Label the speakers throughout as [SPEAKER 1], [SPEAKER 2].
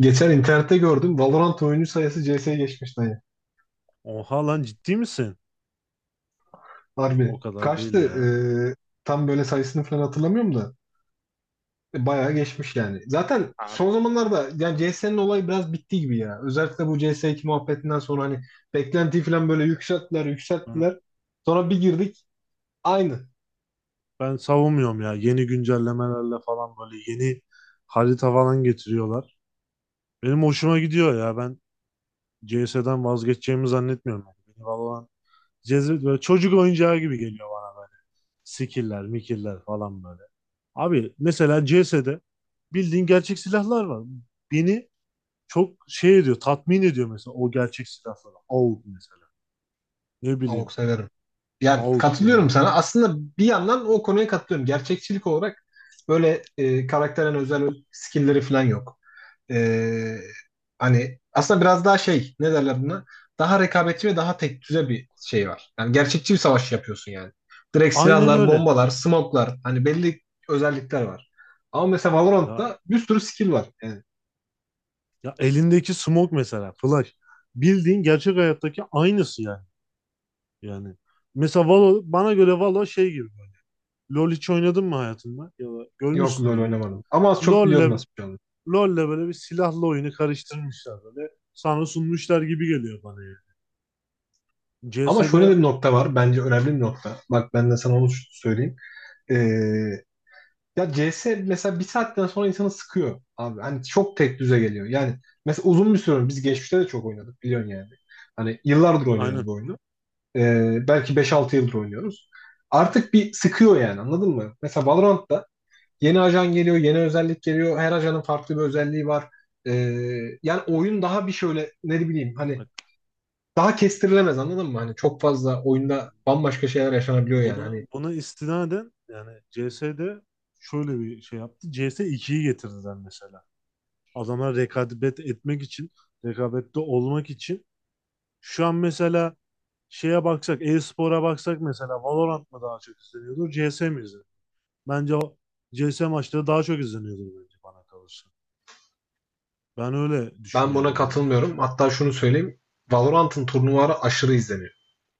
[SPEAKER 1] Geçen internette gördüm. Valorant oyuncu sayısı CS'ye geçmiş dayı.
[SPEAKER 2] Oha lan ciddi misin? O
[SPEAKER 1] Harbi.
[SPEAKER 2] kadar değil
[SPEAKER 1] Kaçtı?
[SPEAKER 2] ya.
[SPEAKER 1] Ee, tam böyle sayısını falan hatırlamıyorum da. Bayağı geçmiş yani. Zaten
[SPEAKER 2] Abi,
[SPEAKER 1] son zamanlarda yani CS'nin olayı biraz bitti gibi ya. Özellikle bu CS2 muhabbetinden sonra hani beklentiyi falan böyle yükselttiler,
[SPEAKER 2] Ben,
[SPEAKER 1] yükselttiler. Sonra bir girdik. Aynı.
[SPEAKER 2] ben savunmuyorum ya. Yeni güncellemelerle falan böyle yeni harita falan getiriyorlar. Benim hoşuma gidiyor ya. Ben CS'den vazgeçeceğimi zannetmiyorum. Yani. Beni Valorant cezbet böyle çocuk oyuncağı gibi geliyor bana böyle. Skill'ler, mikiller falan böyle. Abi mesela CS'de bildiğin gerçek silahlar var. Beni çok şey ediyor, tatmin ediyor mesela o gerçek silahlar. AUG mesela. Ne
[SPEAKER 1] Avok
[SPEAKER 2] bileyim.
[SPEAKER 1] severim. Yani
[SPEAKER 2] AUG
[SPEAKER 1] katılıyorum
[SPEAKER 2] yani.
[SPEAKER 1] sana. Aslında bir yandan o konuya katılıyorum. Gerçekçilik olarak böyle karakterin özel skill'leri falan yok. E, Hani aslında biraz daha şey ne derler buna? Daha rekabetçi ve daha tek düze bir şey var. Yani gerçekçi bir savaş yapıyorsun yani. Direkt
[SPEAKER 2] Aynen
[SPEAKER 1] silahlar,
[SPEAKER 2] öyle.
[SPEAKER 1] bombalar, smoke'lar hani belli özellikler var. Ama mesela
[SPEAKER 2] Ya
[SPEAKER 1] Valorant'ta bir sürü skill var. Yani
[SPEAKER 2] ya elindeki smoke mesela flash. Bildiğin gerçek hayattaki aynısı yani. Yani mesela Valo bana göre Valo şey gibi böyle. LoL hiç oynadın mı hayatında? Ya da
[SPEAKER 1] yok, LoL
[SPEAKER 2] görmüşsündür mutlaka.
[SPEAKER 1] oynamadım. Ama az çok biliyorum
[SPEAKER 2] LoL'le
[SPEAKER 1] nasıl bir şey olduğunu.
[SPEAKER 2] LoL'le böyle bir silahlı oyunu karıştırmışlar böyle. Sana sunmuşlar gibi geliyor bana yani.
[SPEAKER 1] Ama
[SPEAKER 2] CS'de
[SPEAKER 1] şöyle de bir nokta var. Bence önemli bir nokta. Bak ben de sana onu söyleyeyim. E, Ya CS mesela bir saatten sonra insanı sıkıyor abi. Hani çok tek düze geliyor. Yani mesela uzun bir süre biz geçmişte de çok oynadık biliyorsun yani. Hani yıllardır oynuyoruz
[SPEAKER 2] aynen.
[SPEAKER 1] bu oyunu. Belki 5 6 yıldır oynuyoruz. Artık bir sıkıyor yani anladın mı? Mesela Valorant'ta yeni ajan geliyor, yeni özellik geliyor. Her ajanın farklı bir özelliği var. Ee, Yani oyun daha bir şöyle ne bileyim hani
[SPEAKER 2] Bak
[SPEAKER 1] daha kestirilemez anladın mı? Hani çok fazla oyunda bambaşka şeyler yaşanabiliyor yani.
[SPEAKER 2] buna
[SPEAKER 1] Hani
[SPEAKER 2] buna istinaden yani CS'de şöyle bir şey yaptı. CS ikiyi getirdiler mesela. Adamlar rekabet etmek için, rekabette olmak için. Şu an mesela şeye baksak, e-spora baksak mesela Valorant mı daha çok izleniyordur, CS mi izleniyor? Bence o CS maçları daha çok izleniyordur bence bana kalırsa. Ben öyle
[SPEAKER 1] ben buna
[SPEAKER 2] düşünüyorum yani.
[SPEAKER 1] katılmıyorum. Hatta şunu söyleyeyim. Valorant'ın turnuvaları aşırı izleniyor.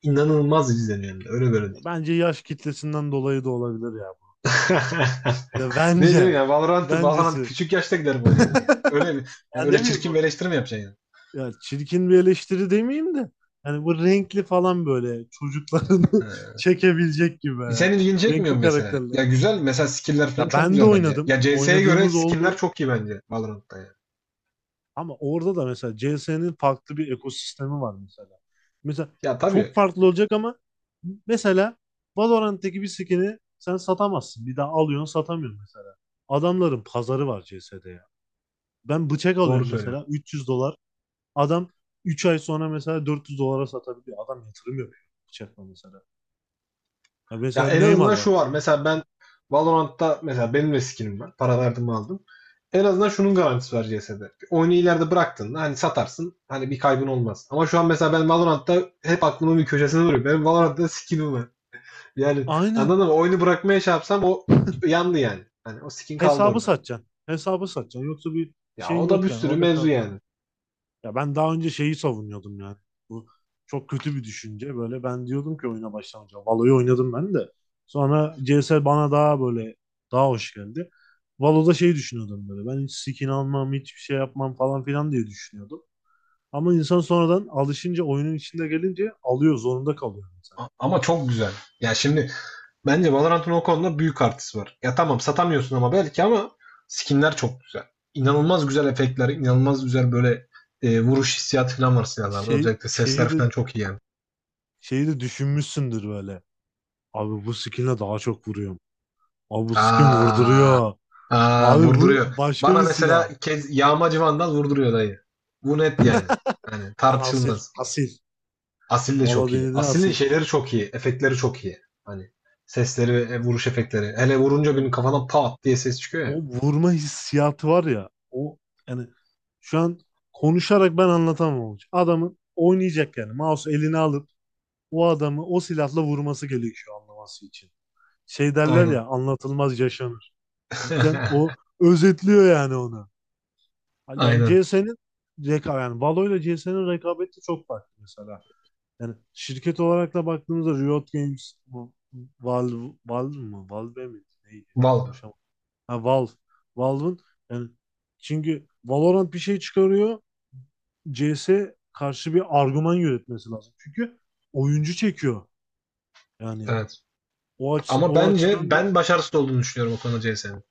[SPEAKER 1] İnanılmaz izleniyor yani. Öyle böyle değil.
[SPEAKER 2] Bence yaş kitlesinden dolayı da olabilir ya, bu. Ya
[SPEAKER 1] Ne diyorsun
[SPEAKER 2] bence.
[SPEAKER 1] ya? Valorant
[SPEAKER 2] Bencesi.
[SPEAKER 1] küçük yaşta giderim oynuyor yani. Öyle mi? Yani
[SPEAKER 2] Ben
[SPEAKER 1] öyle
[SPEAKER 2] ne bileyim
[SPEAKER 1] çirkin bir
[SPEAKER 2] bu?
[SPEAKER 1] eleştiri mi yapacaksın yani?
[SPEAKER 2] Ya çirkin bir eleştiri demeyeyim de. Yani bu renkli falan böyle çocuklarını çekebilecek gibi.
[SPEAKER 1] Senin ilgini çekmiyor
[SPEAKER 2] Renkli
[SPEAKER 1] mesela?
[SPEAKER 2] karakterler.
[SPEAKER 1] Ya güzel, mesela skill'ler falan
[SPEAKER 2] Ya
[SPEAKER 1] çok
[SPEAKER 2] ben de
[SPEAKER 1] güzel bence.
[SPEAKER 2] oynadım.
[SPEAKER 1] Ya CS'ye göre
[SPEAKER 2] Oynadığımız
[SPEAKER 1] skinler
[SPEAKER 2] oldu.
[SPEAKER 1] çok iyi bence Valorant'ta yani.
[SPEAKER 2] Ama orada da mesela CS'nin farklı bir ekosistemi var mesela. Mesela
[SPEAKER 1] Ya
[SPEAKER 2] çok
[SPEAKER 1] tabii,
[SPEAKER 2] farklı olacak ama mesela Valorant'taki bir skin'i sen satamazsın. Bir daha alıyorsun satamıyorsun mesela. Adamların pazarı var CS'de ya. Ben bıçak
[SPEAKER 1] doğru
[SPEAKER 2] alıyorum
[SPEAKER 1] söylüyorsun.
[SPEAKER 2] mesela 300 dolar. Adam 3 ay sonra mesela 400 dolara satabiliyor. Adam yatırım yapıyor bıçakla mesela. Ya
[SPEAKER 1] Ya
[SPEAKER 2] mesela
[SPEAKER 1] en
[SPEAKER 2] Neymar
[SPEAKER 1] azından
[SPEAKER 2] var.
[SPEAKER 1] şu var. Mesela ben Valorant'ta, mesela benim de skinim var. Para verdim aldım. En azından şunun garantisi var CS'de. Oyunu ileride bıraktığında hani satarsın. Hani bir kaybın olmaz. Ama şu an mesela ben Valorant'ta hep aklımın bir köşesinde duruyor. Benim Valorant'ta skinim var. Yani
[SPEAKER 2] Aynen.
[SPEAKER 1] anladın mı? Oyunu bırakmaya şey yapsam o yandı yani. Hani o skin kaldı
[SPEAKER 2] Hesabı
[SPEAKER 1] orada.
[SPEAKER 2] satacaksın. Hesabı satacaksın. Yoksa bir
[SPEAKER 1] Ya
[SPEAKER 2] şeyin
[SPEAKER 1] o da bir
[SPEAKER 2] yok yani.
[SPEAKER 1] sürü
[SPEAKER 2] Orada
[SPEAKER 1] mevzu
[SPEAKER 2] kalacak.
[SPEAKER 1] yani.
[SPEAKER 2] Ya ben daha önce şeyi savunuyordum yani. Bu çok kötü bir düşünce. Böyle ben diyordum ki oyuna başlamayacağım. Valo'yu oynadım ben de. Sonra CS bana daha böyle daha hoş geldi. Valo'da şey düşünüyordum böyle. Ben hiç skin almam, hiçbir şey yapmam falan filan diye düşünüyordum. Ama insan sonradan alışınca oyunun içinde gelince alıyor, zorunda kalıyor mesela.
[SPEAKER 1] Ama çok güzel. Ya şimdi bence Valorant'ın o konuda büyük artısı var. Ya tamam satamıyorsun ama belki ama skinler çok güzel. İnanılmaz güzel efektler, inanılmaz güzel böyle vuruş hissiyatı falan var silahlarda.
[SPEAKER 2] Şey,
[SPEAKER 1] Özellikle sesler
[SPEAKER 2] şeyi de
[SPEAKER 1] falan çok iyi yani.
[SPEAKER 2] şeyi de düşünmüşsündür böyle. Abi bu skinle daha çok vuruyorum. Abi bu skin
[SPEAKER 1] Aa,
[SPEAKER 2] vurduruyor.
[SPEAKER 1] aa,
[SPEAKER 2] Abi bu
[SPEAKER 1] vurduruyor.
[SPEAKER 2] başka
[SPEAKER 1] Bana
[SPEAKER 2] bir
[SPEAKER 1] mesela
[SPEAKER 2] silah.
[SPEAKER 1] kez yağmacı vandal vurduruyor dayı. Bu net yani. Hani
[SPEAKER 2] Ben asil,
[SPEAKER 1] tartışılmaz.
[SPEAKER 2] asil.
[SPEAKER 1] Asil de
[SPEAKER 2] Valla
[SPEAKER 1] çok iyi.
[SPEAKER 2] denedin
[SPEAKER 1] Asil'in
[SPEAKER 2] Asil.
[SPEAKER 1] şeyleri çok iyi. Efektleri çok iyi. Hani sesleri ve vuruş efektleri. Hele vurunca
[SPEAKER 2] O,
[SPEAKER 1] birinin kafadan pat diye ses çıkıyor ya.
[SPEAKER 2] o vurma hissiyatı var ya. O yani şu an konuşarak ben anlatamam olacak. Adamın oynayacak yani. Mouse eline alıp o adamı o silahla vurması gerekiyor anlaması için. Şey derler
[SPEAKER 1] Aynen.
[SPEAKER 2] ya, anlatılmaz yaşanır. Cidden o özetliyor yani onu. Yani
[SPEAKER 1] Aynen.
[SPEAKER 2] CS'nin rekabet yani Valo ile C S'nin rekabeti çok farklı mesela. Yani şirket olarak da baktığımızda Riot Games bu Valve Valve mı? Valve mi? Neydi?
[SPEAKER 1] Val.
[SPEAKER 2] Konuşamadım. Ha, Valve. Valve'ın yani çünkü Valorant bir şey çıkarıyor. CS karşı bir argüman yönetmesi lazım. Çünkü oyuncu çekiyor. Yani
[SPEAKER 1] Evet. Ama
[SPEAKER 2] o
[SPEAKER 1] bence
[SPEAKER 2] açıdan da
[SPEAKER 1] ben başarısız olduğunu düşünüyorum o konuda CS'nin.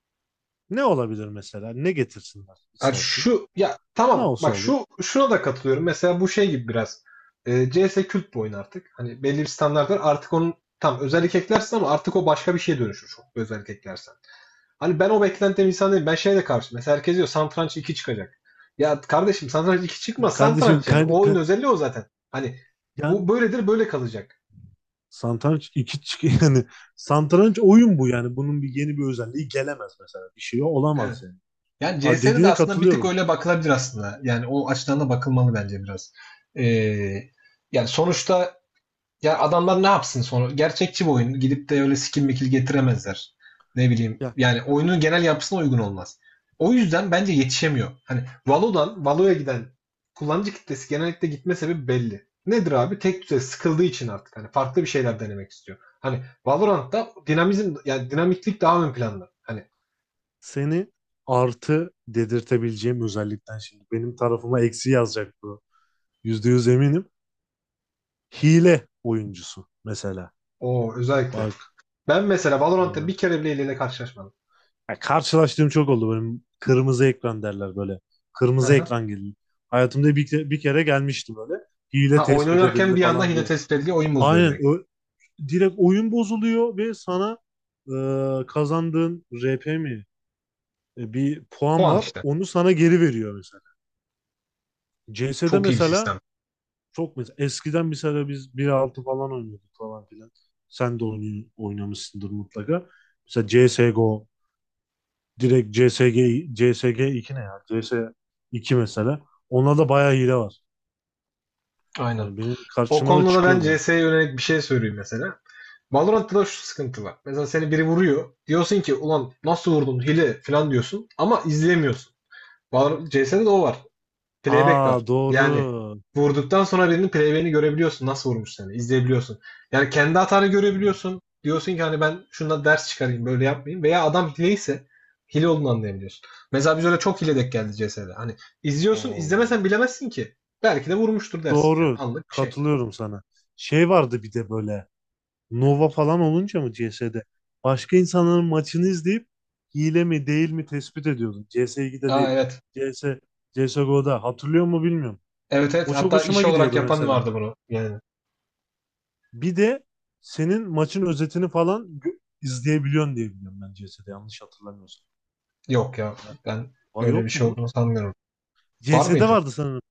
[SPEAKER 2] ne olabilir mesela? Ne getirsinler
[SPEAKER 1] Yani
[SPEAKER 2] istersin?
[SPEAKER 1] şu, ya
[SPEAKER 2] Ne
[SPEAKER 1] tamam
[SPEAKER 2] olsa
[SPEAKER 1] bak
[SPEAKER 2] olur.
[SPEAKER 1] şu, şuna da katılıyorum. Mesela bu şey gibi biraz. CS kült bir oyun artık. Hani belli bir standart var. Artık onun tam özellik eklersin ama artık o başka bir şeye dönüşür. Çok bir özellik eklersen. Hani ben o beklentiden insan değilim. Ben şeye de karşı. Mesela herkes diyor Satranç iki çıkacak. Ya kardeşim Satranç iki çıkmaz.
[SPEAKER 2] Kardeşim
[SPEAKER 1] Satranç yani. O oyun özelliği o zaten. Hani
[SPEAKER 2] yani
[SPEAKER 1] bu böyledir, böyle kalacak.
[SPEAKER 2] satranç iki çık yani satranç oyun bu yani bunun bir yeni bir özelliği gelemez mesela. Bir şey
[SPEAKER 1] Evet.
[SPEAKER 2] olamaz yani.
[SPEAKER 1] Yani
[SPEAKER 2] Aa,
[SPEAKER 1] CS'de de
[SPEAKER 2] dediğine
[SPEAKER 1] aslında bir tık
[SPEAKER 2] katılıyorum.
[SPEAKER 1] öyle bakılabilir aslında. Yani o açıdan da bakılmalı bence biraz. Ee, Yani sonuçta ya adamlar ne yapsın sonra? Gerçekçi bir oyun. Gidip de öyle skin mikil getiremezler. Ne bileyim.
[SPEAKER 2] Ya
[SPEAKER 1] Yani oyunun genel yapısına uygun olmaz. O yüzden bence yetişemiyor. Hani Valo'dan Valo'ya giden kullanıcı kitlesi genellikle gitme sebebi belli. Nedir abi? Tek düze sıkıldığı için artık hani farklı bir şeyler denemek istiyor. Hani Valorant'ta dinamizm yani dinamiklik daha ön planda. Hani
[SPEAKER 2] seni artı dedirtebileceğim özellikten şimdi. Benim tarafıma eksi yazacak bu. %100 eminim. Hile oyuncusu mesela.
[SPEAKER 1] o özellikle.
[SPEAKER 2] Bak.
[SPEAKER 1] Ben mesela Valorant'ta
[SPEAKER 2] Yani,
[SPEAKER 1] bir kere bile hileyle karşılaşmadım.
[SPEAKER 2] ya karşılaştığım çok oldu. Benim kırmızı ekran derler böyle.
[SPEAKER 1] Hı
[SPEAKER 2] Kırmızı
[SPEAKER 1] hı.
[SPEAKER 2] ekran geliyor. Hayatımda bir kere gelmişti böyle. Hile
[SPEAKER 1] Ha, oyun
[SPEAKER 2] tespit
[SPEAKER 1] oynarken
[SPEAKER 2] edildi
[SPEAKER 1] bir anda
[SPEAKER 2] falan
[SPEAKER 1] hile
[SPEAKER 2] diye.
[SPEAKER 1] tespit ediliyor, oyun bozuluyor
[SPEAKER 2] Aynen.
[SPEAKER 1] direkt.
[SPEAKER 2] Direkt oyun bozuluyor ve sana kazandığın RP mi, bir puan
[SPEAKER 1] Puan
[SPEAKER 2] var.
[SPEAKER 1] işte.
[SPEAKER 2] Onu sana geri veriyor mesela. CS'de
[SPEAKER 1] Çok iyi bir
[SPEAKER 2] mesela.
[SPEAKER 1] sistem.
[SPEAKER 2] Çok mesela eskiden mesela biz bir altı falan oynuyorduk falan filan. Sen de oynuyor, oynamışsındır mutlaka. Mesela CSGO, direkt CSG 2 ne ya? CS iki mesela. Onda da bayağı hile var.
[SPEAKER 1] Aynen.
[SPEAKER 2] Yani benim
[SPEAKER 1] O
[SPEAKER 2] karşıma da
[SPEAKER 1] konuda da ben
[SPEAKER 2] çıkıyordu yani.
[SPEAKER 1] CS'ye yönelik bir şey söyleyeyim mesela. Valorant'ta da şu sıkıntı var. Mesela seni biri vuruyor. Diyorsun ki ulan nasıl vurdun, hile falan diyorsun. Ama izleyemiyorsun. CS'de de o var. Playback var.
[SPEAKER 2] Aa,
[SPEAKER 1] Yani
[SPEAKER 2] doğru.
[SPEAKER 1] vurduktan sonra birinin playback'ini görebiliyorsun. Nasıl vurmuş seni, izleyebiliyorsun. Yani kendi hatanı görebiliyorsun. Diyorsun ki hani ben şundan ders çıkarayım, böyle yapmayayım. Veya adam hileyse hile olduğunu anlayabiliyorsun. Mesela biz öyle çok hile denk geldi CS'de. Hani izliyorsun,
[SPEAKER 2] Oo,
[SPEAKER 1] izlemesen bilemezsin ki. Belki de vurmuştur dersin yani.
[SPEAKER 2] doğru.
[SPEAKER 1] Anlık bir şey.
[SPEAKER 2] Katılıyorum sana. Şey vardı bir de böyle. Nova falan olunca mı CS'de? Başka insanların maçını izleyip hile mi değil mi tespit ediyordum. CS2'de
[SPEAKER 1] Aa
[SPEAKER 2] değil.
[SPEAKER 1] evet.
[SPEAKER 2] CS, CSGO'da. Hatırlıyor mu bilmiyorum.
[SPEAKER 1] Evet evet.
[SPEAKER 2] O çok
[SPEAKER 1] Hatta
[SPEAKER 2] hoşuma
[SPEAKER 1] iş olarak
[SPEAKER 2] gidiyordu
[SPEAKER 1] yapan
[SPEAKER 2] mesela.
[SPEAKER 1] vardı bunu. Yani
[SPEAKER 2] Bir de senin maçın özetini falan izleyebiliyorsun diye biliyorum ben, CS'de yanlış hatırlamıyorsam.
[SPEAKER 1] yok ya. Ben
[SPEAKER 2] Aa,
[SPEAKER 1] öyle
[SPEAKER 2] yok
[SPEAKER 1] bir şey
[SPEAKER 2] mu?
[SPEAKER 1] olduğunu sanmıyorum. Var
[SPEAKER 2] CS'de
[SPEAKER 1] mıydı?
[SPEAKER 2] vardı sanırım.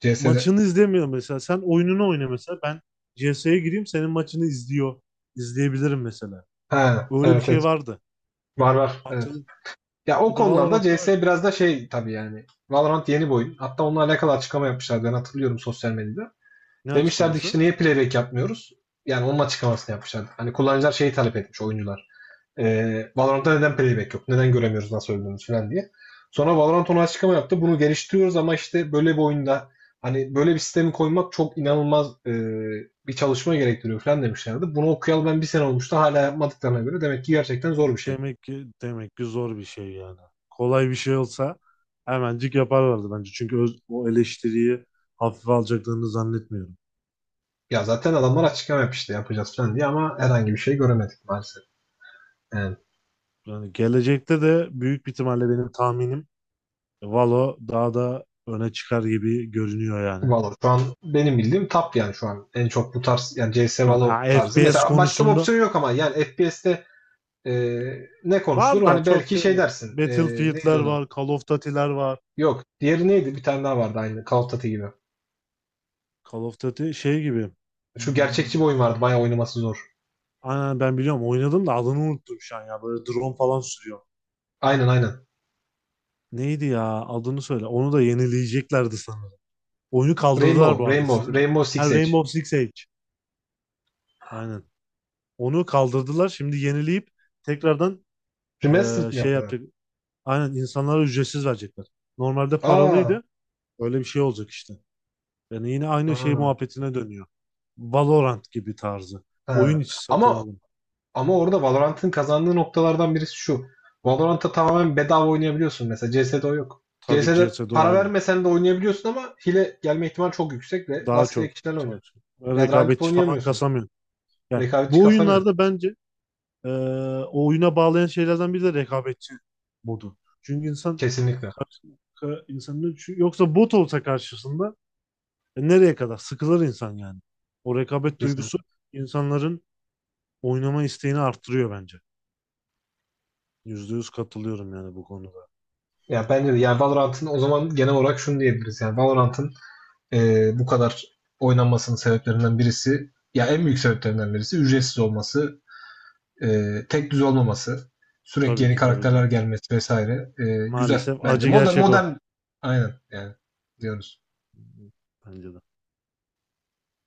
[SPEAKER 1] CS'de.
[SPEAKER 2] Maçını izlemiyor mesela. Sen oyununu oyna mesela. Ben CS'ye gireyim, senin maçını izliyor. İzleyebilirim mesela.
[SPEAKER 1] Ha
[SPEAKER 2] Öyle bir
[SPEAKER 1] evet
[SPEAKER 2] şey
[SPEAKER 1] evet.
[SPEAKER 2] vardı.
[SPEAKER 1] Var var. Evet.
[SPEAKER 2] Hatırlıyorum.
[SPEAKER 1] Ya o
[SPEAKER 2] Mesela
[SPEAKER 1] konularda
[SPEAKER 2] Valorant'ta
[SPEAKER 1] CS biraz da şey tabii yani. Valorant yeni bir oyun. Hatta onunla alakalı açıklama yapmışlardı. Ben hatırlıyorum sosyal medyada.
[SPEAKER 2] ne
[SPEAKER 1] Demişlerdi ki işte
[SPEAKER 2] açıklaması?
[SPEAKER 1] niye playback yapmıyoruz? Yani onun açıklamasını yapmışlardı. Hani kullanıcılar şeyi talep etmiş, oyuncular. Valorant'ta neden playback yok? Neden göremiyoruz nasıl öldüğümüzü falan diye. Sonra Valorant ona açıklama yaptı. Bunu geliştiriyoruz ama işte böyle bir oyunda hani böyle bir sistemi koymak çok inanılmaz bir çalışma gerektiriyor falan demişlerdi. Bunu okuyalı ben bir sene olmuştu. Hala yapmadıklarına göre demek ki gerçekten zor bir şey.
[SPEAKER 2] Demek ki zor bir şey yani. Kolay bir şey olsa hemencik yaparlardı bence. Çünkü o eleştiriyi hafife alacaklarını zannetmiyorum.
[SPEAKER 1] Ya zaten adamlar
[SPEAKER 2] Onu.
[SPEAKER 1] açıklama yapmıştı yapacağız falan diye ama herhangi bir şey göremedik maalesef. Yani
[SPEAKER 2] Yani gelecekte de büyük bir ihtimalle benim tahminim, Valo daha da öne çıkar gibi görünüyor yani.
[SPEAKER 1] Valo şu an benim bildiğim top yani şu an en çok bu tarz, yani CS
[SPEAKER 2] Şu an ha,
[SPEAKER 1] Valo tarzı.
[SPEAKER 2] FPS
[SPEAKER 1] Mesela başka bir
[SPEAKER 2] konusunda
[SPEAKER 1] opsiyon yok ama yani FPS'te e, ne konuşulur?
[SPEAKER 2] var da
[SPEAKER 1] Hani
[SPEAKER 2] çok
[SPEAKER 1] belki şey
[SPEAKER 2] değil.
[SPEAKER 1] dersin. Neydi
[SPEAKER 2] Battlefield'ler
[SPEAKER 1] onun?
[SPEAKER 2] var, Call of Duty'ler var.
[SPEAKER 1] Yok. Diğeri neydi? Bir tane daha vardı aynı. Call of Duty gibi.
[SPEAKER 2] Call of Duty şey gibi.
[SPEAKER 1] Şu gerçekçi
[SPEAKER 2] Hmm,
[SPEAKER 1] bir oyun vardı. Bayağı oynaması zor.
[SPEAKER 2] Aynen, ben biliyorum, oynadım da adını unuttum şu an ya. Böyle drone falan sürüyor.
[SPEAKER 1] Aynen aynen.
[SPEAKER 2] Neydi ya? Adını söyle. Onu da yenileyeceklerdi sanırım. Oyunu kaldırdılar bu arada Steam.
[SPEAKER 1] Rainbow Six
[SPEAKER 2] Ha,
[SPEAKER 1] Siege.
[SPEAKER 2] Rainbow Six Siege. Aynen. Onu kaldırdılar. Şimdi yenileyip tekrardan
[SPEAKER 1] Remastered mi
[SPEAKER 2] şey
[SPEAKER 1] yapıyorlar?
[SPEAKER 2] yapacak. Aynen, insanlara ücretsiz verecekler. Normalde
[SPEAKER 1] Aa.
[SPEAKER 2] paralıydı. Öyle bir şey olacak işte. Yani yine aynı şey
[SPEAKER 1] Aa.
[SPEAKER 2] muhabbetine dönüyor. Valorant gibi tarzı. Oyun
[SPEAKER 1] Ha.
[SPEAKER 2] içi satın
[SPEAKER 1] Ama
[SPEAKER 2] alın.
[SPEAKER 1] ama orada Valorant'ın kazandığı noktalardan birisi şu. Valorant'ta tamamen bedava oynayabiliyorsun mesela. CS'de o yok.
[SPEAKER 2] Tabii
[SPEAKER 1] CS'de
[SPEAKER 2] CS:GO
[SPEAKER 1] para
[SPEAKER 2] oyunu.
[SPEAKER 1] vermesen de oynayabiliyorsun ama hile gelme ihtimali çok yüksek ve
[SPEAKER 2] Daha
[SPEAKER 1] rastgele
[SPEAKER 2] çok.
[SPEAKER 1] kişilerle
[SPEAKER 2] Daha
[SPEAKER 1] oynuyorsun.
[SPEAKER 2] çok.
[SPEAKER 1] Ya ranked
[SPEAKER 2] Rekabetçi falan
[SPEAKER 1] oynayamıyorsun.
[SPEAKER 2] kasamıyor. Yani
[SPEAKER 1] Rekabetçi
[SPEAKER 2] bu
[SPEAKER 1] kasamıyorsun.
[SPEAKER 2] oyunlarda bence, Ee, o oyuna bağlayan şeylerden biri de rekabetçi modu. Çünkü insan
[SPEAKER 1] Kesinlikle.
[SPEAKER 2] karşı insanın çünkü, yoksa bot olsa karşısında nereye kadar sıkılır insan yani. O rekabet
[SPEAKER 1] Kesinlikle.
[SPEAKER 2] duygusu insanların oynama isteğini arttırıyor bence. Yüzde yüz katılıyorum yani bu konuda.
[SPEAKER 1] Ya bence de yani Valorant'ın, o zaman genel olarak şunu diyebiliriz. Yani Valorant'ın bu kadar oynanmasının sebeplerinden birisi, ya en büyük sebeplerinden birisi ücretsiz olması. Tek düz olmaması, sürekli
[SPEAKER 2] Tabii
[SPEAKER 1] yeni
[SPEAKER 2] ki tabii ki.
[SPEAKER 1] karakterler gelmesi vesaire. Güzel
[SPEAKER 2] Maalesef
[SPEAKER 1] bence.
[SPEAKER 2] acı
[SPEAKER 1] Modern,
[SPEAKER 2] gerçek o.
[SPEAKER 1] modern aynen yani diyoruz.
[SPEAKER 2] Bence de.